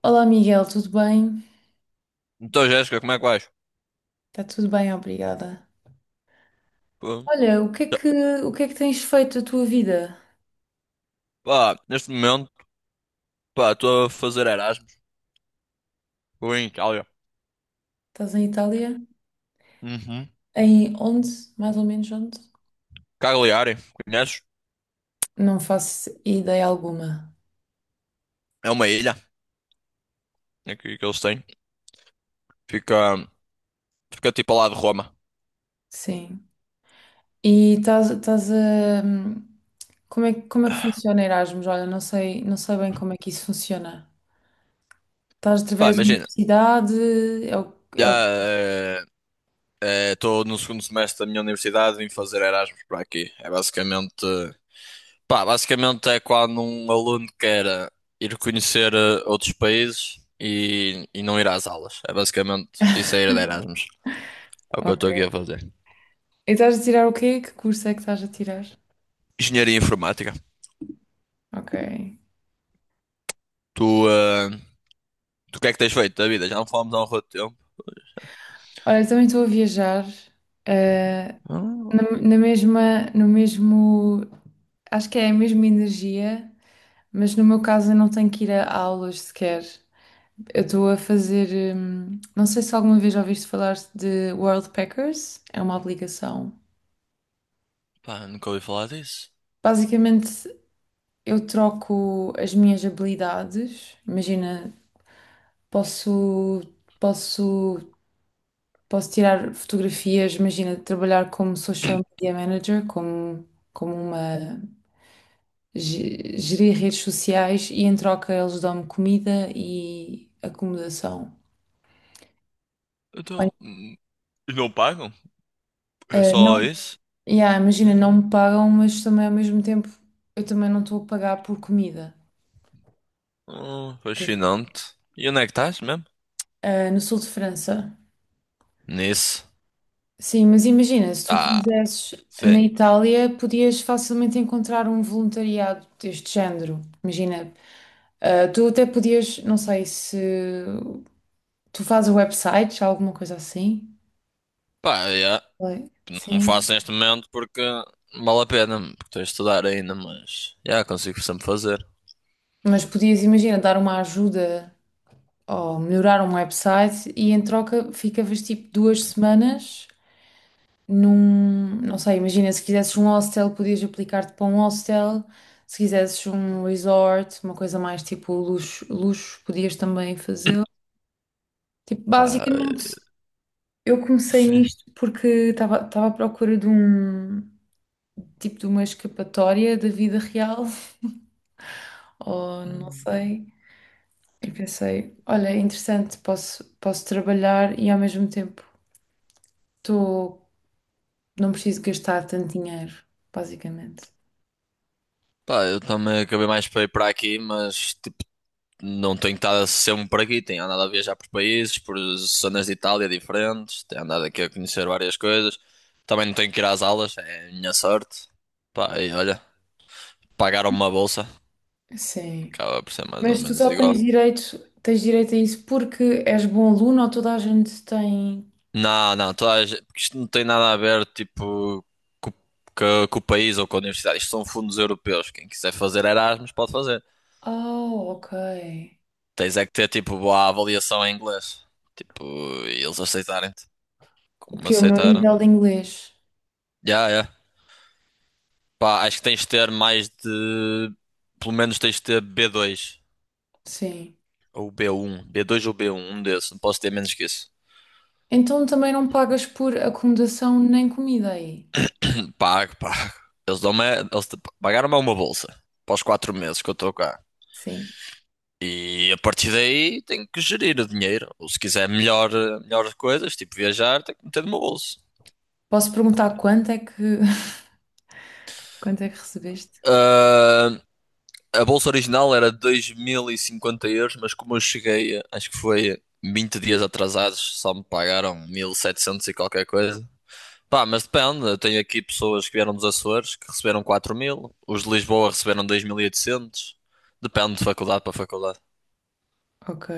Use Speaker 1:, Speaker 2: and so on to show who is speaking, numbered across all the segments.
Speaker 1: Olá Miguel, tudo bem?
Speaker 2: Então, Jéssica, como é que vais?
Speaker 1: Está tudo bem, obrigada.
Speaker 2: Pô,
Speaker 1: Olha, o que é
Speaker 2: já-
Speaker 1: que, o que é que tens feito a tua vida?
Speaker 2: pá, neste momento, pá, estou a fazer Erasmus. Estou em Itália.
Speaker 1: Estás em Itália?
Speaker 2: Uhum.
Speaker 1: Em onde? Mais ou menos onde?
Speaker 2: Cagliari, conheces?
Speaker 1: Não faço ideia alguma.
Speaker 2: É uma ilha aqui que eles têm. Fica, fica tipo ao lado de Roma.
Speaker 1: Sim. E estás a. Como é que funciona Erasmus? Olha, não sei bem como é que isso funciona. Estás
Speaker 2: Pá,
Speaker 1: através da
Speaker 2: imagina.
Speaker 1: universidade? É o, é
Speaker 2: Já
Speaker 1: o...
Speaker 2: eh, estou no segundo semestre da minha universidade vim fazer Erasmus para aqui. É basicamente. Pá, basicamente é quando um aluno quer ir conhecer outros países e não ir às aulas. É basicamente isso é ir de Erasmus. É o que eu
Speaker 1: Ok.
Speaker 2: estou aqui a fazer.
Speaker 1: E estás a tirar o quê? Que curso é que estás a tirar?
Speaker 2: Engenharia informática.
Speaker 1: Ok.
Speaker 2: Tu, ah, tu o que é que tens feito da vida? Já não falamos há um rato de tempo.
Speaker 1: Olha, eu também estou a viajar. eh,
Speaker 2: Ah,
Speaker 1: no mesmo, acho que é a mesma energia, mas no meu caso eu não tenho que ir a aulas sequer. Eu estou a fazer, não sei se alguma vez já ouviste falar de World Packers, é uma aplicação.
Speaker 2: pá, nunca ouvi falar disso.
Speaker 1: Basicamente, eu troco as minhas habilidades. Imagina, posso, posso, posso tirar fotografias, imagina, trabalhar como social media manager, como uma gerir redes sociais, e em troca eles dão-me comida e acomodação. Olha,
Speaker 2: Então, não pagam? É
Speaker 1: não,
Speaker 2: só isso?
Speaker 1: yeah, imagina, não me pagam, mas também ao mesmo tempo eu também não estou a pagar por comida. Ok.
Speaker 2: Fascinante. E onde é que estás mesmo?
Speaker 1: No sul de França.
Speaker 2: Nisso.
Speaker 1: Sim, mas imagina, se tu
Speaker 2: Ah,
Speaker 1: quisesses
Speaker 2: sim.
Speaker 1: na Itália, podias facilmente encontrar um voluntariado deste género. Imagina, tu até podias, não sei se tu fazes websites, alguma coisa assim.
Speaker 2: Pá, yeah.
Speaker 1: Oi.
Speaker 2: Não
Speaker 1: Sim.
Speaker 2: faço neste momento porque não vale a pena, porque estou a estudar ainda, mas já consigo sempre fazer.
Speaker 1: Mas podias, imagina, dar uma ajuda ou melhorar um website e em troca ficavas tipo duas semanas num. Não sei, imagina, se quisesses um hostel, podias aplicar-te para um hostel. Se quisesses um resort, uma coisa mais tipo luxo, luxo podias também fazê-lo. Tipo,
Speaker 2: Ah,
Speaker 1: basicamente, eu comecei
Speaker 2: sim.
Speaker 1: nisto porque estava à procura de um tipo de uma escapatória da vida real, ou não
Speaker 2: Hum.
Speaker 1: sei. E pensei, olha, é interessante, posso trabalhar e ao mesmo tempo tô, não preciso gastar tanto dinheiro, basicamente.
Speaker 2: Pá, eu também acabei mais para ir para aqui, mas tipo, não tenho estado sempre aqui, tenho andado a viajar por países, por zonas de Itália diferentes, tenho andado aqui a conhecer várias coisas. Também não tenho que ir às aulas, é a minha sorte. Pá, e olha, pagaram uma bolsa,
Speaker 1: Sim.
Speaker 2: acaba por ser mais ou
Speaker 1: Mas tu
Speaker 2: menos
Speaker 1: só tens
Speaker 2: igual.
Speaker 1: direito, tens direito a isso, porque és bom aluno, ou toda a gente tem?
Speaker 2: Não, não, toda a gente, porque isto não tem nada a ver, tipo, co- com o país ou com a universidade. Isto são fundos europeus. Quem quiser fazer Erasmus pode fazer.
Speaker 1: Oh, ok.
Speaker 2: Tens é que ter, tipo, boa avaliação em inglês. Tipo, e eles aceitarem-te,
Speaker 1: O
Speaker 2: como me
Speaker 1: que é o meu
Speaker 2: aceitaram.
Speaker 1: nível de inglês?
Speaker 2: Já, já. Pá, acho que tens de ter mais de. Pelo menos tens de ter B2
Speaker 1: Sim.
Speaker 2: ou B1 B2 ou B1, um desses. Não posso ter menos que isso.
Speaker 1: Então também não pagas por acomodação nem comida aí.
Speaker 2: Pago, pago. Eles dão-me. Eles pagaram-me uma bolsa para os 4 meses que eu estou cá.
Speaker 1: Sim.
Speaker 2: E a partir daí tenho que gerir o dinheiro. Ou se quiser melhores coisas, tipo viajar, tenho que meter no meu bolso.
Speaker 1: Posso perguntar quanto é que quanto é que recebeste?
Speaker 2: Ah, a bolsa original era 2050 euros, mas como eu cheguei, acho que foi 20 dias atrasados, só me pagaram 1700 e qualquer coisa. Pá, mas depende. Eu tenho aqui pessoas que vieram dos Açores que receberam 4000. Os de Lisboa receberam 2800. Depende de faculdade para faculdade.
Speaker 1: Ok.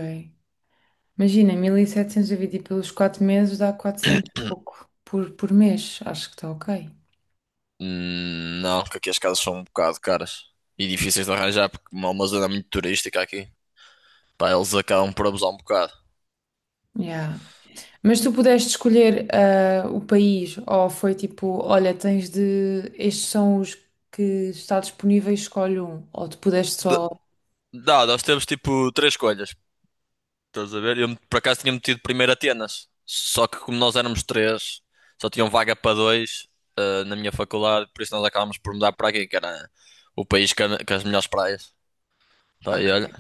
Speaker 1: Imagina, 1.700 dividido pelos 4 meses dá 400 e pouco por mês. Acho que está ok.
Speaker 2: Não, porque aqui as casas são um bocado caras e difíceis de arranjar porque é uma zona muito turística aqui. Pá, eles acabam por abusar um bocado.
Speaker 1: Yeah. Mas tu pudeste escolher o país, ou foi tipo, olha, tens de. Estes são os que está disponíveis, escolhe um. Ou tu pudeste
Speaker 2: De-
Speaker 1: só.
Speaker 2: Dá, nós temos tipo três escolhas. Estás a ver? Eu por acaso tinha metido primeiro Atenas. Só que como nós éramos três, só tinham vaga para dois, na minha faculdade, por isso nós acabámos por mudar para aqui, que era o país que as melhores praias. Pá,
Speaker 1: Ok.
Speaker 2: e olha,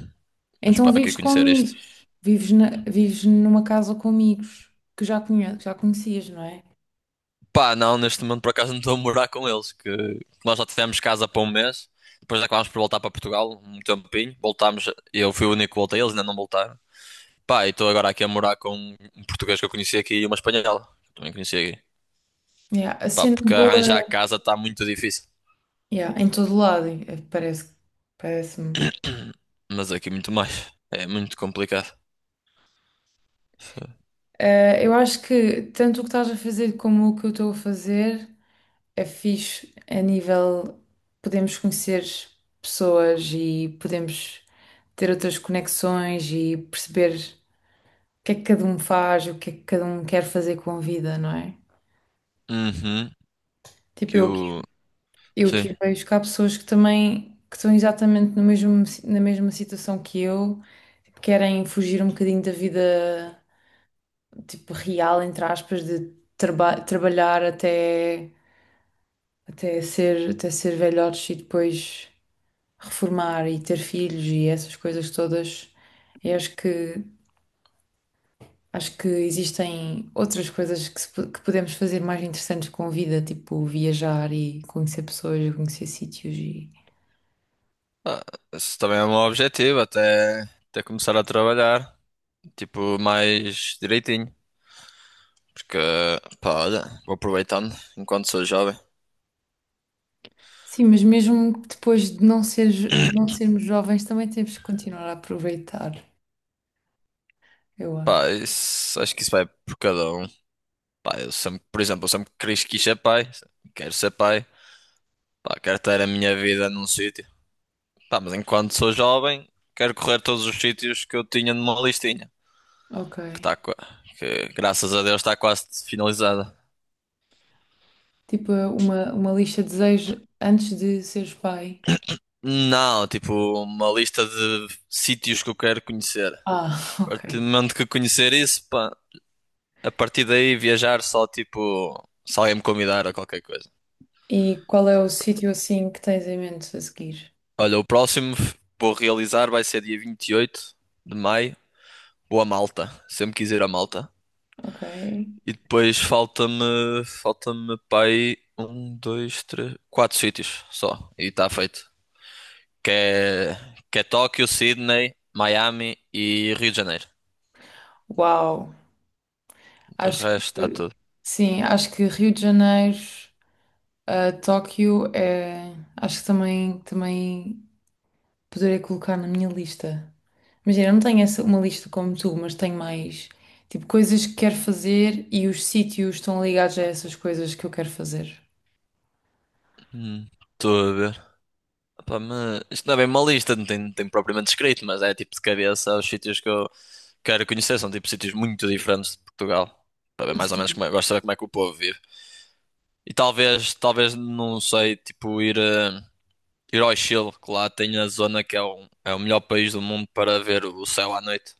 Speaker 2: mas
Speaker 1: Então
Speaker 2: pá, que é
Speaker 1: vives com
Speaker 2: conhecer isto.
Speaker 1: amigos. Vives numa casa com amigos que já conhecias, não é?
Speaker 2: Pá, não, neste momento por acaso não estou a morar com eles, que nós já tivemos casa para um mês, depois acabámos por voltar para Portugal um tempinho, voltámos, eu fui o único que voltei, eles ainda não voltaram. Pá, e estou agora aqui a morar com um português que eu conheci aqui e uma espanhola, que eu também conheci aqui.
Speaker 1: Yeah. A
Speaker 2: Pá,
Speaker 1: cena
Speaker 2: porque arranjar
Speaker 1: boa.
Speaker 2: casa está muito difícil,
Speaker 1: Yeah. Em todo lado, parece-me.
Speaker 2: mas aqui muito mais, é muito complicado.
Speaker 1: Eu acho que tanto o que estás a fazer como o que eu estou a fazer é fixe a nível, podemos conhecer pessoas e podemos ter outras conexões e perceber o que é que cada um faz, o que é que cada um quer fazer com a vida, não é?
Speaker 2: Uhum,
Speaker 1: Tipo,
Speaker 2: que
Speaker 1: eu aqui,
Speaker 2: o...
Speaker 1: eu
Speaker 2: sim.
Speaker 1: aqui vejo que há pessoas que também que estão exatamente no mesmo, na mesma situação que eu, tipo, querem fugir um bocadinho da vida tipo real, entre aspas, de trabalhar até ser velhotes, e depois reformar e ter filhos e essas coisas todas. Eu acho que existem outras coisas que, se po- que podemos fazer mais interessantes com a vida, tipo viajar e conhecer pessoas, e conhecer sítios e.
Speaker 2: Ah, esse também é um objetivo, até começar a trabalhar. Tipo, mais direitinho. Porque, pá, olha, vou aproveitando enquanto sou jovem.
Speaker 1: Sim, mas mesmo depois de de não sermos jovens, também temos que continuar a aproveitar, eu acho.
Speaker 2: Pá, acho que isso vai por cada um. Pá, eu sempre, por exemplo, eu sempre quis ser pai. Quero ser pai. Pá, quero ter a minha vida num sítio. Pá, mas enquanto sou jovem, quero correr todos os sítios que eu tinha numa listinha.
Speaker 1: Ok.
Speaker 2: Que tá, qua- que graças a Deus está quase finalizada.
Speaker 1: Tipo, uma lista de desejos antes de seres pai.
Speaker 2: Não, tipo, uma lista de sítios que eu quero conhecer.
Speaker 1: Ah,
Speaker 2: A partir do
Speaker 1: ok.
Speaker 2: momento que eu conhecer isso, pá. A partir daí viajar só tipo se alguém me convidar a qualquer coisa.
Speaker 1: E qual é o sítio assim que tens em mente a seguir?
Speaker 2: Olha, o próximo vou realizar vai ser dia 28 de maio. Vou a Malta. Sempre quis ir a Malta.
Speaker 1: Ok.
Speaker 2: E depois falta-me para aí um, dois, três, quatro sítios só. E está feito. Que é, que é Tóquio, Sydney, Miami e Rio de Janeiro.
Speaker 1: Uau!
Speaker 2: De
Speaker 1: Acho
Speaker 2: resto
Speaker 1: que
Speaker 2: está tudo.
Speaker 1: sim, acho que Rio de Janeiro, Tóquio é. Acho que também poderia colocar na minha lista. Imagina, eu não tenho uma lista como tu, mas tenho mais tipo coisas que quero fazer, e os sítios estão ligados a essas coisas que eu quero fazer.
Speaker 2: Hum. Estou a ver. Pá, mas isto não é bem uma lista, não tem propriamente escrito, mas é tipo de cabeça os sítios que eu quero conhecer, são tipo sítios muito diferentes de Portugal, para ver mais ou menos
Speaker 1: Sim.
Speaker 2: como é, gosto de saber como é que o povo vive. E talvez, não sei, tipo ir ao Chile, que lá tem a zona que é o melhor país do mundo para ver o céu à noite.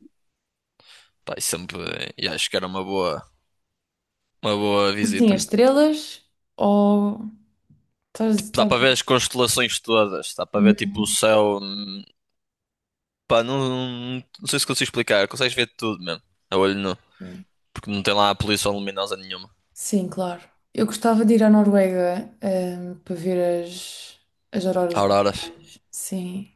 Speaker 2: Pá, e acho que era uma boa
Speaker 1: Sim, as
Speaker 2: visita.
Speaker 1: estrelas ou. Estás.
Speaker 2: Tipo, dá para
Speaker 1: estás-
Speaker 2: ver as constelações todas, dá para ver
Speaker 1: Uhum.
Speaker 2: tipo o céu, pá, não, não sei se consigo explicar, consegues ver tudo mesmo. A olho nu,
Speaker 1: Ok.
Speaker 2: porque não tem lá a poluição luminosa nenhuma.
Speaker 1: Sim, claro. Eu gostava de ir à Noruega, para ver as auroras
Speaker 2: Auroras.
Speaker 1: boreais. Sim.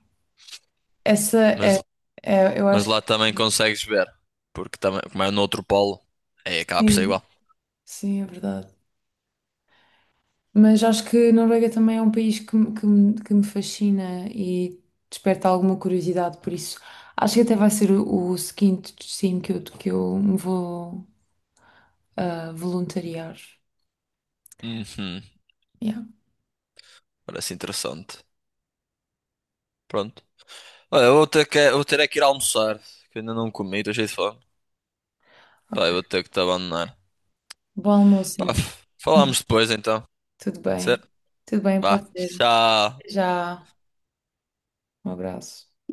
Speaker 1: Essa é,
Speaker 2: Mas,
Speaker 1: é- eu
Speaker 2: mas
Speaker 1: acho que
Speaker 2: lá também consegues ver. Porque também, como é no outro polo, aí acaba por ser
Speaker 1: sim.
Speaker 2: igual.
Speaker 1: Sim, é verdade. Mas acho que a Noruega também é um país que me fascina e desperta alguma curiosidade, por isso acho que até vai ser o seguinte destino que eu me vou voluntariar.
Speaker 2: Uhum,
Speaker 1: Yeah,
Speaker 2: parece interessante. Pronto. Olha, eu vou ter é que ir almoçar, que eu ainda não comi, estou cheio de fome. Pá, eu
Speaker 1: ok.
Speaker 2: vou ter que te abandonar.
Speaker 1: Bom almoço
Speaker 2: Pá,
Speaker 1: então.
Speaker 2: falamos depois então.
Speaker 1: Tudo bem.
Speaker 2: Certo?
Speaker 1: Tudo bem,
Speaker 2: Vá.
Speaker 1: pode ser. Até
Speaker 2: Tchau.
Speaker 1: já. Um abraço.